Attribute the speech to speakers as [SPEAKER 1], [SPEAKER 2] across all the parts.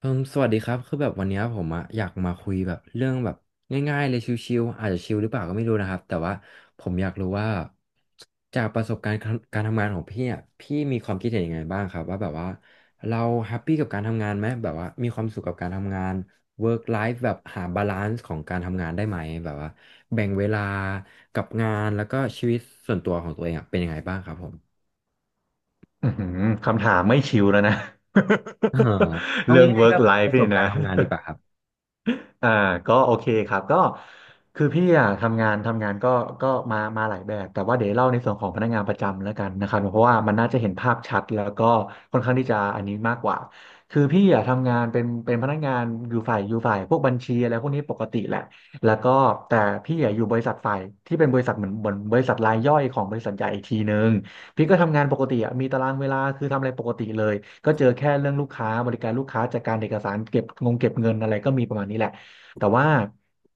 [SPEAKER 1] เอมสวัสดีครับคือแบบวันเนี้ยผมอะอยากมาคุยแบบเรื่องแบบง่ายๆเลยชิวๆอาจจะชิวหรือเปล่าก็ไม่รู้นะครับแต่ว่าผมอยากรู้ว่าจากประสบการณ์การทำงานของพี่อะพี่มีความคิดเห็นยังไงบ้างครับว่าแบบว่าเราแฮปปี้กับการทำงานไหมแบบว่ามีความสุขกับการทำงาน work life แบบหาบาลานซ์ของการทำงานได้ไหมแบบว่าแบ่งเวลากับงานแล้วก็ชีวิตส่วนตัวของตัวเองอะเป็นยังไงบ้างครับผม
[SPEAKER 2] อือหือคำถามไม่ชิวแล้วนะ
[SPEAKER 1] อ่า เอา
[SPEAKER 2] เรื่อง
[SPEAKER 1] ง่ายๆก็
[SPEAKER 2] work
[SPEAKER 1] ป
[SPEAKER 2] life
[SPEAKER 1] ระส
[SPEAKER 2] นี่
[SPEAKER 1] บการ
[SPEAKER 2] นะ
[SPEAKER 1] ณ์ทำงานดีกว่าครับ
[SPEAKER 2] อ่าก็โอเคครับก็คือพี่อ่ะทำงานก็ก็มาหลายแบบแต่ว่าเดี๋ยวเล่าในส่วนของพนักงานประจำแล้วกันนะครับเพราะว่ามันน่าจะเห็นภาพชัดแล้วก็ค่อนข้างที่จะอันนี้มากกว่าคือพี่อ่ะทำงานเป็นพนักงานอยู่ฝ่ายพวกบัญชีอะไรพวกนี้ปกติแหละแล้วก็แต่พี่อ่ะอยู่บริษัทฝ่ายที่เป็นบริษัทเหมือนบริษัทรายย่อยของบริษัทใหญ่อีกทีนึงพี่ก็ทำงานปกติอ่ะมีตารางเวลาคือทำอะไรปกติเลยก็เจอแค่เรื่องลูกค้าบริการลูกค้าจัดการเอกสารเก็บงงเก็บเงินอะไรก็มีประมาณนี้แหละ แต่ว่า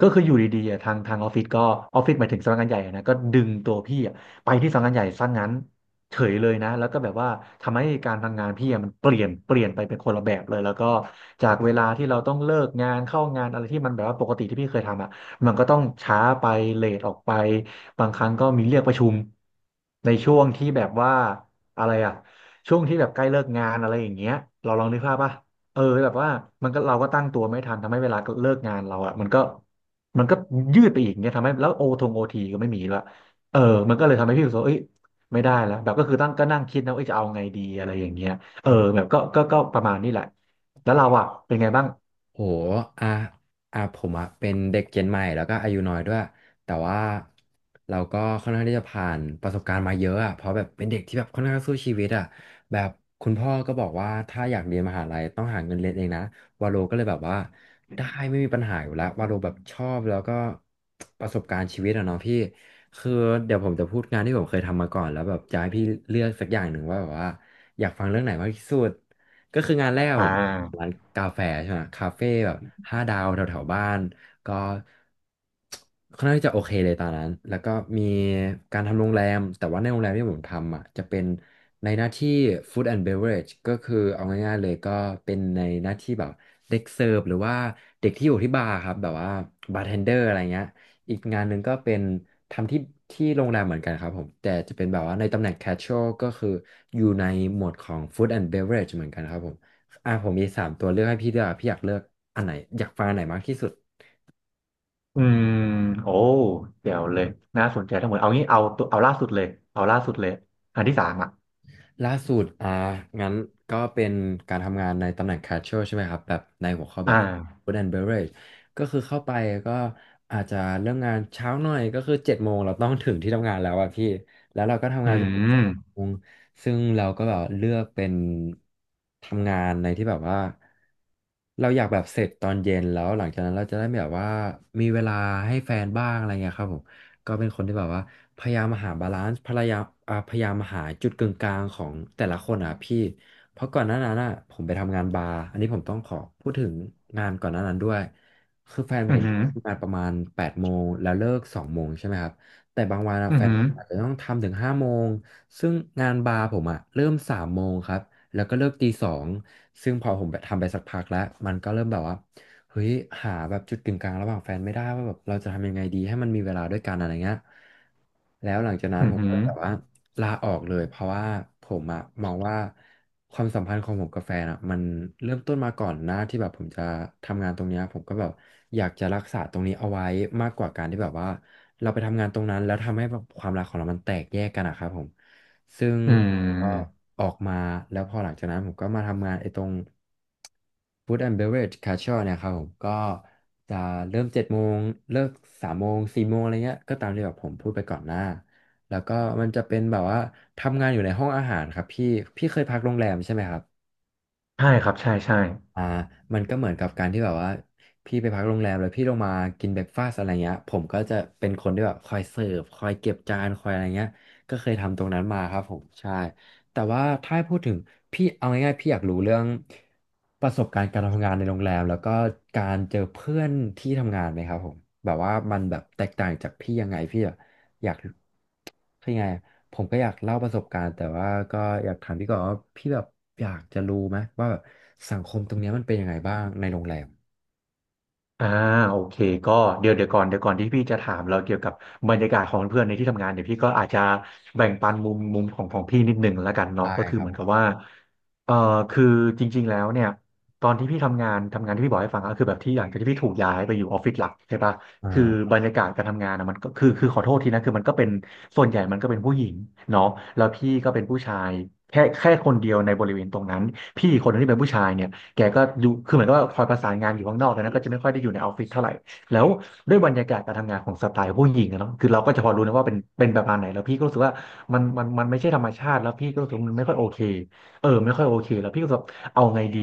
[SPEAKER 2] ก็คืออยู่ดีๆอะทางออฟฟิศก็ออฟฟิศหมายถึงสำนักงานใหญ่อะนะก็ดึงตัวพี่อะไปที่สำนักงานใหญ่ซะงั้นเฉยเลยนะแล้วก็แบบว่าทำให้การทำงานพี่อะมันเปลี่ยนไปเป็นคนละแบบเลยแล้วก็จากเวลาที่เราต้องเลิกงานเข้างานอะไรที่มันแบบว่าปกติที่พี่เคยทำอะมันก็ต้องช้าไปเลทออกไปบางครั้งก็มีเรียกประชุมในช่วงที่แบบว่าอะไรอะช่วงที่แบบใกล้เลิกงานอะไรอย่างเงี้ยเราลองนึกภาพป่ะ เออแบบว่ามันก็เราก็ตั้งตัวไม่ทันทำให้เวลาเลิกงานเราอะมันก็ยืดไปอีกเนี่ยทำให้แล้วโอทีก็ไม่มีละเออมันก็เลยทำให้พี่รู้สึกว่าเอ้ยไม่ได้แล้วแบบก็คือตั้งก็นั่งคิดนะว่าเอ้ยจะเอาไงดีอะไรอย่างเงี้ยเออแบบก็ประมาณนี้แหละแล้วเราอะเป็นไงบ้าง
[SPEAKER 1] โหอ่ะอ่ะผมอ่ะเป็นเด็กเจนใหม่แล้วก็อายุน้อยด้วยแต่ว่าเราก็ค่อนข้างที่จะผ่านประสบการณ์มาเยอะอ่ะเพราะแบบเป็นเด็กที่แบบค่อนข้างสู้ชีวิตอ่ะแบบคุณพ่อก็บอกว่าถ้าอยากเรียนมหาลัยต้องหาเงินเรียนเองนะวาโลก็เลยแบบว่าได้ไม่มีปัญหาอยู่แล้ววาโลแบบชอบแล้วก็ประสบการณ์ชีวิตอะเนาะพี่คือเดี๋ยวผมจะพูดงานที่ผมเคยทำมาก่อนแล้วแบบจะให้พี่เลือกสักอย่างหนึ่งว่าแบบว่าอยากฟังเรื่องไหนมากที่สุด ก็คืองานแรกแบ
[SPEAKER 2] อ่า
[SPEAKER 1] บร้านกาแฟใช่ไหมคาเฟ่แบบ5 ดาวแถวๆบ้านก็ค่อนข้างที่จะโอเคเลยตอนนั้นแล้วก็มีการทำโรงแรมแต่ว่าในโรงแรมที่ผมทำอ่ะจะเป็นในหน้าที่ food and beverage ก็คือเอาง่ายๆเลยก็เป็นในหน้าที่แบบเด็กเสิร์ฟหรือว่าเด็กที่อยู่ที่บาร์ครับแบบว่าบาร์เทนเดอร์อะไรเงี้ย อีกงานหนึ่งก็เป็นทำที่โรงแรมเหมือนกันครับผมแต่จะเป็นแบบว่าในตำแหน่ง casual ก็คืออยู่ในหมวดของ food and beverage เหมือนกันครับผมผมมี3 ตัวเลือกให้พี่ด้วยอกพี่อยากเลือกอันไหนอยากฟังอันไหนมากที่สุด
[SPEAKER 2] อืมโอ้เดี๋ยวเลยน่าสนใจทั้งหมดเอางี้เอาตัวเอาล่าสุดเลยเอาล่าสุดเลยอันที่สามอ่ะ
[SPEAKER 1] ล่าสุดอ่างั้นก็เป็นการทำงานในตำแหน่ง casual ใช่ไหมครับแบบในหัวข้อแบ
[SPEAKER 2] อ่า
[SPEAKER 1] บ food and beverage ก็คือเข้าไปก็อาจจะเริ่มงานเช้าหน่อยก็คือเจ็ดโมงเราต้องถึงที่ทำงานแล้วอะพี่แล้วเราก็ทำ
[SPEAKER 2] อื
[SPEAKER 1] งานจนถึงสอง
[SPEAKER 2] ม
[SPEAKER 1] โมงซึ่งเราก็แบบเลือกเป็นทำงานในที่แบบว่าเราอยากแบบเสร็จตอนเย็นแล้วหลังจากนั้นเราจะได้แบบว่ามีเวลาให้แฟนบ้างอะไรเงี้ยครับผม ก็เป็นคนที่แบบว่าพยายามหาบาลานซ์พยายามหาจุดกึ่งกลางของแต่ละคนอ่ะพี่เพราะก่อนหน้านั้นอ่ะผมไปทำงานบาร์อันนี้ผมต้องขอพูดถึงงานก่อนหน้านั้นด้วยคือแฟน
[SPEAKER 2] อื
[SPEAKER 1] ผ
[SPEAKER 2] มอ
[SPEAKER 1] ม
[SPEAKER 2] หืม
[SPEAKER 1] ทำงานประมาณ8 โมงแล้วเลิกสองโมงใช่ไหมครับแต่บางวันอะ
[SPEAKER 2] ออื
[SPEAKER 1] แฟนผ
[SPEAKER 2] ม
[SPEAKER 1] มอาจจะ
[SPEAKER 2] อ
[SPEAKER 1] ต้องทำถึง5 โมงซึ่งงานบาร์ผมอ่ะเริ่มสามโมงครับแล้วก็เลิกตี 2ซึ่งพอผมไปทำไปสักพักแล้วมันก็เริ่มแบบว่า เฮ้ยหาแบบจุดกึ่งกลางระหว่างแฟนไม่ได้ว่าแบบเราจะทำยังไงดีให้มันมีเวลาด้วยกันอะไรเงี้ยแล้วหลังจากนั้น
[SPEAKER 2] หื
[SPEAKER 1] ผมก็
[SPEAKER 2] ม
[SPEAKER 1] แบบว่าลาออกเลยเพราะว่าผมอะมองว่าความสัมพันธ์ของผมกับแฟนอะมันเริ่มต้นมาก่อนหน้าที่แบบผมจะทำงานตรงเนี้ยผมก็แบบอยากจะรักษาตรงนี้เอาไว้มากกว่าการที่แบบว่าเราไปทำงานตรงนั้นแล้วทำให้แบบความรักของเรามันแตกแยกกันอะครับผม ซึ่ง
[SPEAKER 2] ออืมอ
[SPEAKER 1] ก็
[SPEAKER 2] หืม
[SPEAKER 1] ออกมาแล้วพอหลังจากนั้นผมก็มาทำงานไอ้ตรง Food and Beverage Casual เนี่ยครับผมก็จะเริ่มเจ็ดโมงเลิก3 โมง 4 โมงอะไรเงี้ยก็ตามที่แบบผมพูดไปก่อนหน้าแล้วก็มันจะเป็นแบบว่าทำงานอยู่ในห้องอาหารครับพี่พี่เคยพักโรงแรมใช่ไหมครับ
[SPEAKER 2] ใช่ครับใช่ใช่
[SPEAKER 1] อ่ามันก็เหมือนกับการที่แบบว่าพี่ไปพักโรงแรมแล้วพี่ลงมากินเบรกฟาสต์อะไรเงี้ยผมก็จะเป็นคนที่แบบคอยเสิร์ฟคอยเก็บจานคอยอะไรเงี้ยก็เคยทำตรงนั้นมาครับผมใช่แต่ว่าถ้าให้พูดถึงพี่เอาง่ายๆพี่อยากรู้เรื่องประสบการณ์การทำงานในโรงแรมแล้วก็การเจอเพื่อนที่ทำงานไหมครับผมแบบว่ามันแบบแตกต่างจากพี่ยังไงพี่อะอยาก คือยังไงอะผมก็อยากเล่าประสบการณ์แต่ว่าก็อยากถามพี่ก่อนว่าพี่แบบอยากจะรู้ไหมว่าแบบสังคมตรงเนี้ยมันเป็นยังไงบ้างในโรงแรม
[SPEAKER 2] อ่าโอเคก็เดี๋ยวเดี๋ยวก่อนที่พี่จะถามเราเกี่ยวกับบรรยากาศของเพื่อนในที่ทำงานเดี๋ยวพี่ก็อาจจะแบ่งปันมุมของของพี่นิดหนึ่งแล้วกันเนาะ
[SPEAKER 1] ได้
[SPEAKER 2] ก็คือ
[SPEAKER 1] ครับ
[SPEAKER 2] เหมือ
[SPEAKER 1] ผ
[SPEAKER 2] นกับ
[SPEAKER 1] ม
[SPEAKER 2] ว่าเอ่อคือจริงๆแล้วเนี่ยตอนที่พี่ทำงานที่พี่บอกให้ฟังก็คือแบบที่หลังจากที่พี่ถูกย้ายไปอยู่ออฟฟิศหลักใช่ปะ
[SPEAKER 1] อ่
[SPEAKER 2] คือ
[SPEAKER 1] า
[SPEAKER 2] บรรยากาศการทำงานอะมันก็คือขอโทษทีนะคือมันก็เป็นส่วนใหญ่มันก็เป็นผู้หญิงเนาะแล้วพี่ก็เป็นผู้ชายแค่คนเดียวในบริเวณตรงนั้นพี่อีกคนนึงที่เป็นผู้ชายเนี่ย แกก็อยู่คือเหมือนกับว่าคอยประสานงานอยู่ข้างนอกดังนั้นก็จะไม่ค่อยได้อยู่ในออฟฟิศเท่าไหร่แล้วด้วยบรรยากาศการทำงานของสไตล์ผู้หญิงอะเนาะคือเราก็จะพอรู้นะว่าเป็นประมาณไหนแล้วพี่ก็รู้สึกว่ามันไม่ใช่ธรรมชาติแล้วพี่ก็รู้สึกว่ามันไม่ค่อยโอเคเออไม่ค่อยโอเคแล้วพี่ก็รู้สึกว่าเอาไงดี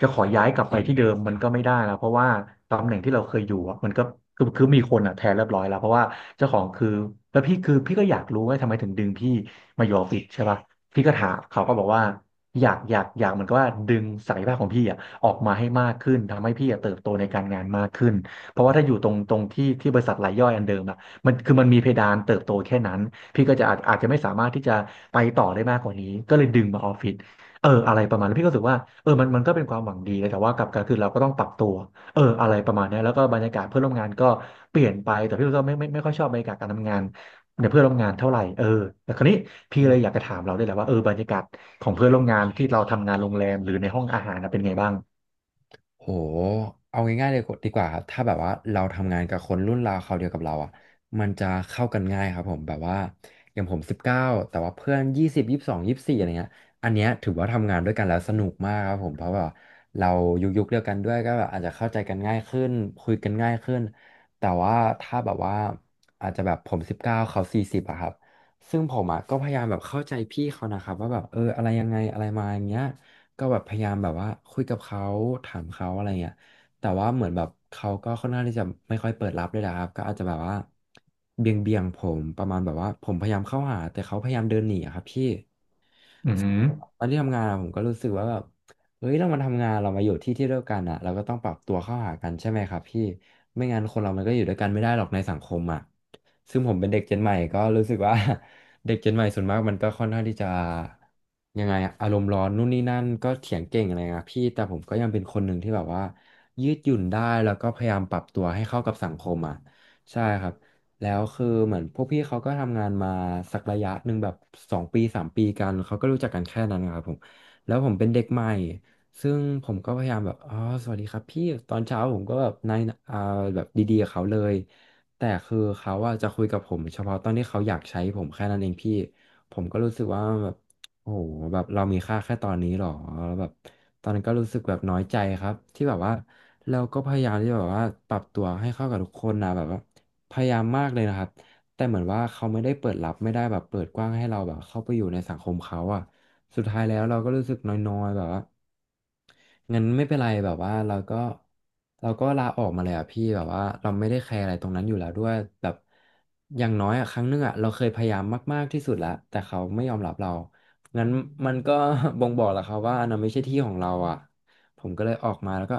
[SPEAKER 2] จะขอย้ายกลับไปที่เดิมมันก็ไม่ได้แล้วเพราะว่าตำแหน่งที่เราเคยอยู่อะมันก็คือมีคนอะแทนเรียบร้อยแล้วเพราะว่าเจ้าของคือแล้วพี่คือพี่ก็อยากรู้ว่าทำไมถึงดึงพี่มาอยู่ออฟฟิศใช่ปะพี่ก็ถามเขาก็บอกว่า อยากเหมือนกับว่าดึงศักยภาพของพี่อ่ะออกมาให้มากขึ้นทำให้พี่อะเติบโตในการงานมากขึ้นเพราะว่าถ้าอยู่ตรงที่บริษัทรายย่อยอันเดิมอ่ะมันคือมันมีเพดานเติบโตแค่นั้นพี่ก็จะอาจจะไม่สามารถที่จะไปต่อได้มากกว่านี้ก็เลยดึงมาออฟฟิศเอออะไรประมาณนั้นพี่ก็รู้สึกว่าเออมันก็เป็นความหวังดีนะแต่ว่ากลับกันคือเราก็ต้องปรับตัวเอออะไรประมาณเนี้ยแล้วก็บรรยากาศเพื่อนร่วมงานก็เปลี่ยนไปแต่พี่ก็ไม่ค่อยชอบบรรยากาศการทำงาน ในเพื่อนร่วมงานเท่าไหร่เออแต่คราวนี้พี่เลยอยากจะถามเราด้วยแหละว่าเออบรรยากาศของเพื่อนร่วมงานที่เราทำงานโรงแรมหรือในห้องอาหารนะเป็นไงบ้าง
[SPEAKER 1] โหเอาง่ายๆเลยดีกว่าครับ ถ้าแบบว่าเราทำงานกับคนรุ่นราวคราวเดียวกับเราอ่ะมันจะเข้ากันง่ายครับผมแบบว่าอย่างผมสิบเก้าแต่ว่าเพื่อน20 22 24อะไรเงี้ยอันเนี้ยถือว่าทำงานด้วยกันแล้วสนุกมากครับผมเพราะแบบเรายุคเดียวกันด้วยก็แบบอาจจะเข้าใจกันง่ายขึ้นคุยกันง่ายขึ้น แต่ว่าถ้าแบบว่าอาจจะแบบผมสิบเก้าเขา40อะครับซึ่งผมอะก็พยายามแบบเข้าใจพี่เขานะครับว่าแบบเอออะไรยังไงอะไรมาอย่างเงี้ย ก็แบบพยายามแบบว่าคุยกับเขาถามเขาอะไรเงี้ยแต่ว่าเหมือนแบบเขาก็ค่อนข้างที่จะไม่ค่อยเปิดรับเลยนะครับก็อาจจะแบบว่าเบี่ยงผมประมาณแบบว่าผมพยายามเข้าหาแต่เขาพยายามเดินหนีอะครับพี่
[SPEAKER 2] อืม
[SPEAKER 1] ตอนที่ทำงานอะผมก็รู้สึกว่าแบบเฮ้ยเรามาทำงานเรามาอยู่ที่ที่เดียวกันอ่ะเราก็ต้องปรับตัวเข้าหากันใช่ไหมครับพี่ไม่งั้นคนเรามันก็อยู่ด้วยกันไม่ได้หรอกในสังคมอ่ะซึ่งผมเป็นเด็กเจนใหม่ก็รู้สึกว่า เด็กเจนใหม่ส่วนมากมันก็ค่อนข้างที่จะยังไงอะอารมณ์ร้อนนู่นนี่นั่นก็เถียงเก่งอะไรนะพี่แต่ผมก็ยังเป็นคนหนึ่งที่แบบว่ายืดหยุ่นได้แล้วก็พยายามปรับตัวให้เข้ากับสังคมอ่ะใช่ครับ แล้วคือเหมือนพวกพี่เขาก็ทำงานมาสักระยะหนึ่งแบบ2 ปี 3 ปีกันเขาก็รู้จักกันแค่นั้นครับผมแล้วผมเป็นเด็กใหม่ซึ่งผมก็พยายามแบบอ๋อสวัสดีครับพี่ตอนเช้าผมก็แบบในายอ่าแบบดีๆกับเขาเลยแต่คือเขาอะจะคุยกับผมเฉพาะตอนที่เขาอยากใช้ผมแค่นั้นเองพี่ผมก็รู้สึกว่าแบบโอ้โหแบบเรามีค่าแค่ตอนนี้หรอแล้วแบบตอนนั้นก็รู้สึกแบบน้อยใจครับที่แบบว่าเราก็พยายามที่แบบว่าปรับตัวให้เข้ากับทุกคนนะแบบว่า พยายามมากเลยนะครับ แต่เหมือนว่าเขาไม่ได้เปิดรับไม่ได้แบบเปิดกว้างให้เราแบบเข้าไปอยู่ในสังคมเขาอะสุดท้ายแล้วเราก็รู้สึกน้อยๆแบบว่างั้นไม่เป็นไรแบบว่าเราก็ลาออกมาเลยอะพี่แบบว่าเราไม่ได้แคร์อะไรตรงนั้นอยู่แล้วด้วยแบบอย่างน้อยอะครั้งหนึงอะเราเคยพยายามมากๆที่สุดแล้วแต่เขาไม่ยอมรับเรา งั้นมันก็ บ่งบอกแล้วครับว่าอันนั้นไม่ใช่ที่ของเราอะผมก็เลยออกมาแล้วก็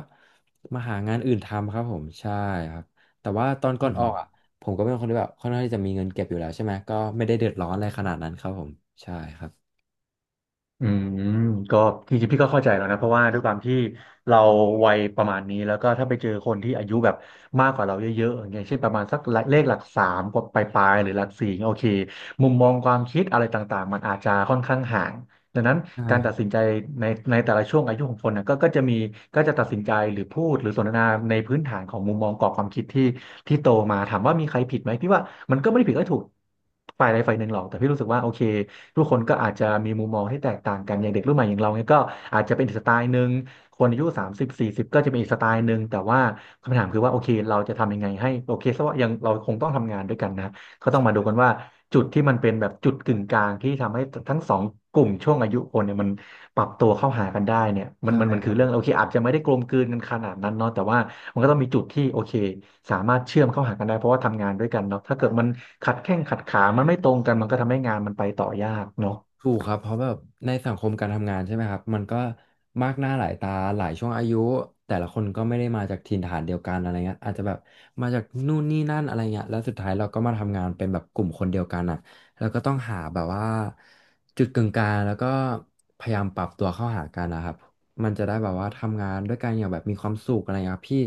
[SPEAKER 1] มาหางานอื่นทำครับผมใช่ครับแต่ว่าตอนก่อ
[SPEAKER 2] อื
[SPEAKER 1] นออ
[SPEAKER 2] ม
[SPEAKER 1] กอะ ผมก็เป็นคนที่แบบค่อนข้างที่จะมีเงินเก็บอยู่แล้วใช่ไหมก็ไม่ได้เดือดร้อนอะไรขนาดนั้นครับผมใช่ครับ
[SPEAKER 2] อืมก็จริงๆพี่ก็เข้าใจแล้วนะเพราะว่าด้วยความที่เราวัยประมาณนี้แล้วก็ถ้าไปเจอคนที่อายุแบบมากกว่าเราเยอะๆอย่างเงี้ยเช่นประมาณสักเลขหลักสามกว่าปลายๆหรือหลักสี่โอเคมุมมองความคิดอะไรต่างๆมันอาจจะค่อนข้างห่าง ดังนั้น
[SPEAKER 1] ใช่
[SPEAKER 2] การ
[SPEAKER 1] ครั
[SPEAKER 2] ตั
[SPEAKER 1] บ
[SPEAKER 2] ดสินใจในในแต่ละช่วงอายุของคนนะก็จะมีก็จะตัดสินใจหรือพูดหรือสนทนาในพื้นฐานของมุมมองกรอบความคิดที่โตมาถามว่ามีใครผิดไหมพี่ว่ามันก็ไม่ได้ผิดก็ถูกฝ่ายใดฝ่ายหนึ่งหรอกแต่พี่รู้สึกว่าโอเคทุกคนก็อาจจะมีมุมมองที่แตกต่างกันอย่างเด็กรุ่นใหม่อย่างเราเนี่ยก็อาจจะเป็นอีกสไตล์หนึ่งคนอายุ3040ก็จะเป็นอีกสไตล์หนึ่งแต่ว่าคำถามคือว่าโอเคเราจะทำยังไงให้โอเคซะว่ายังเราคงต้องทำงานด้วยกันนะ ก็ต้องมาดูกันว่าจุดที่มันเป็นแบบจุดกึ่งกลางที่ทำให้ทั้งสองกลุ่มช่วงอายุคนเนี่ยมันปรับตัวเข้าหากันได้เนี่ยมัน
[SPEAKER 1] ใช่
[SPEAKER 2] คือเรื่องโอเคอาจจะไม่ได้กลมกลืนกันขนาดนั้นเนาะแต่ว่ามันก็ต้องมีจุดที่โอเคสามารถเชื่อมเข้าหากันได้เพราะว่าทำงานด้วยกันเนาะถ้าเกิดมันขัดแข้งขัดขามันไม่ตรงกันมันก็ทำให้งานมันไปต่อยากเนาะ
[SPEAKER 1] ถูกครับเพราะแบบในสังคมการทำงานใช่ไหมครับมันก็มากหน้าหลายตาหลายช่วงอายุแต่ละคนก็ไม่ได้มาจากถิ่นฐานเดียวกันอะไรเงี้ยอาจจะแบบมาจากนู่นนี่นั่นอะไรเงี้ยแล้วสุดท้ายเราก็มาทำงานเป็นแบบกลุ่มคนเดียวกันอ่ะแล้วก็ต้องหาแบบว่าจุดกึ่งกลางแล้วก็พยายามปรับตัวเข้าหากันนะครับมันจะได้แบบว่าทำงานด้วยกันอย่างแบบมีความสุขอะไรเงี้ยครับพี่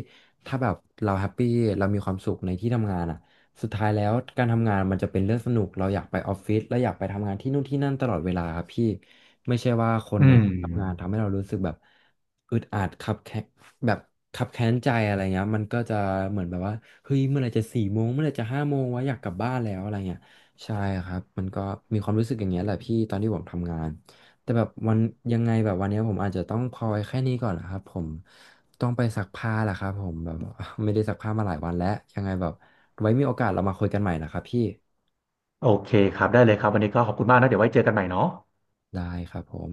[SPEAKER 1] ถ้าแบบเราแฮปปี้เรามีความสุขในที่ทำงานอ่ะ สุดท้ายแล้วการทำงานมันจะเป็นเรื่องสนุกเราอยากไปออฟฟิศเราอยากไปทำงานที่นู่นที่นั่นตลอดเวลาครับพี่ไม่ใช่ว่าคน
[SPEAKER 2] อื
[SPEAKER 1] ใน
[SPEAKER 2] ม
[SPEAKER 1] ที่ทำงานทำให้เรารู้สึกแบบอึดอัดคับแค้นแบบคับแค้นใจอะไรเงี้ยมันก็จะเหมือนแบบว่าเฮ้ยเมื่อไหร่จะ4 โมงเมื่อไหร่จะ5 โมงวะอยากกลับบ้านแล้วอะไรเงี้ยใช่ครับมันก็มีความรู้สึกอย่างเงี้ยแหละพี่ตอนที่ผมทำงานแต่แบบวันยังไงแบบวันเนี้ยผมอาจจะต้องพอไว้แค่นี้ก่อนนะครับผมต้องไปซักผ้าแหละครับผมแบบ ไม่ได้ซักผ้ามาหลายวันแล้วยังไงแบบ ไว้มีโอกาสเรามาคุยกันใหม่นะครับพี่
[SPEAKER 2] โอเคครับได้เลยครับวันนี้ก็ขอบคุณมากนะเดี๋ยวไว้เจอกันใหม่เนาะ
[SPEAKER 1] ได้ครับผม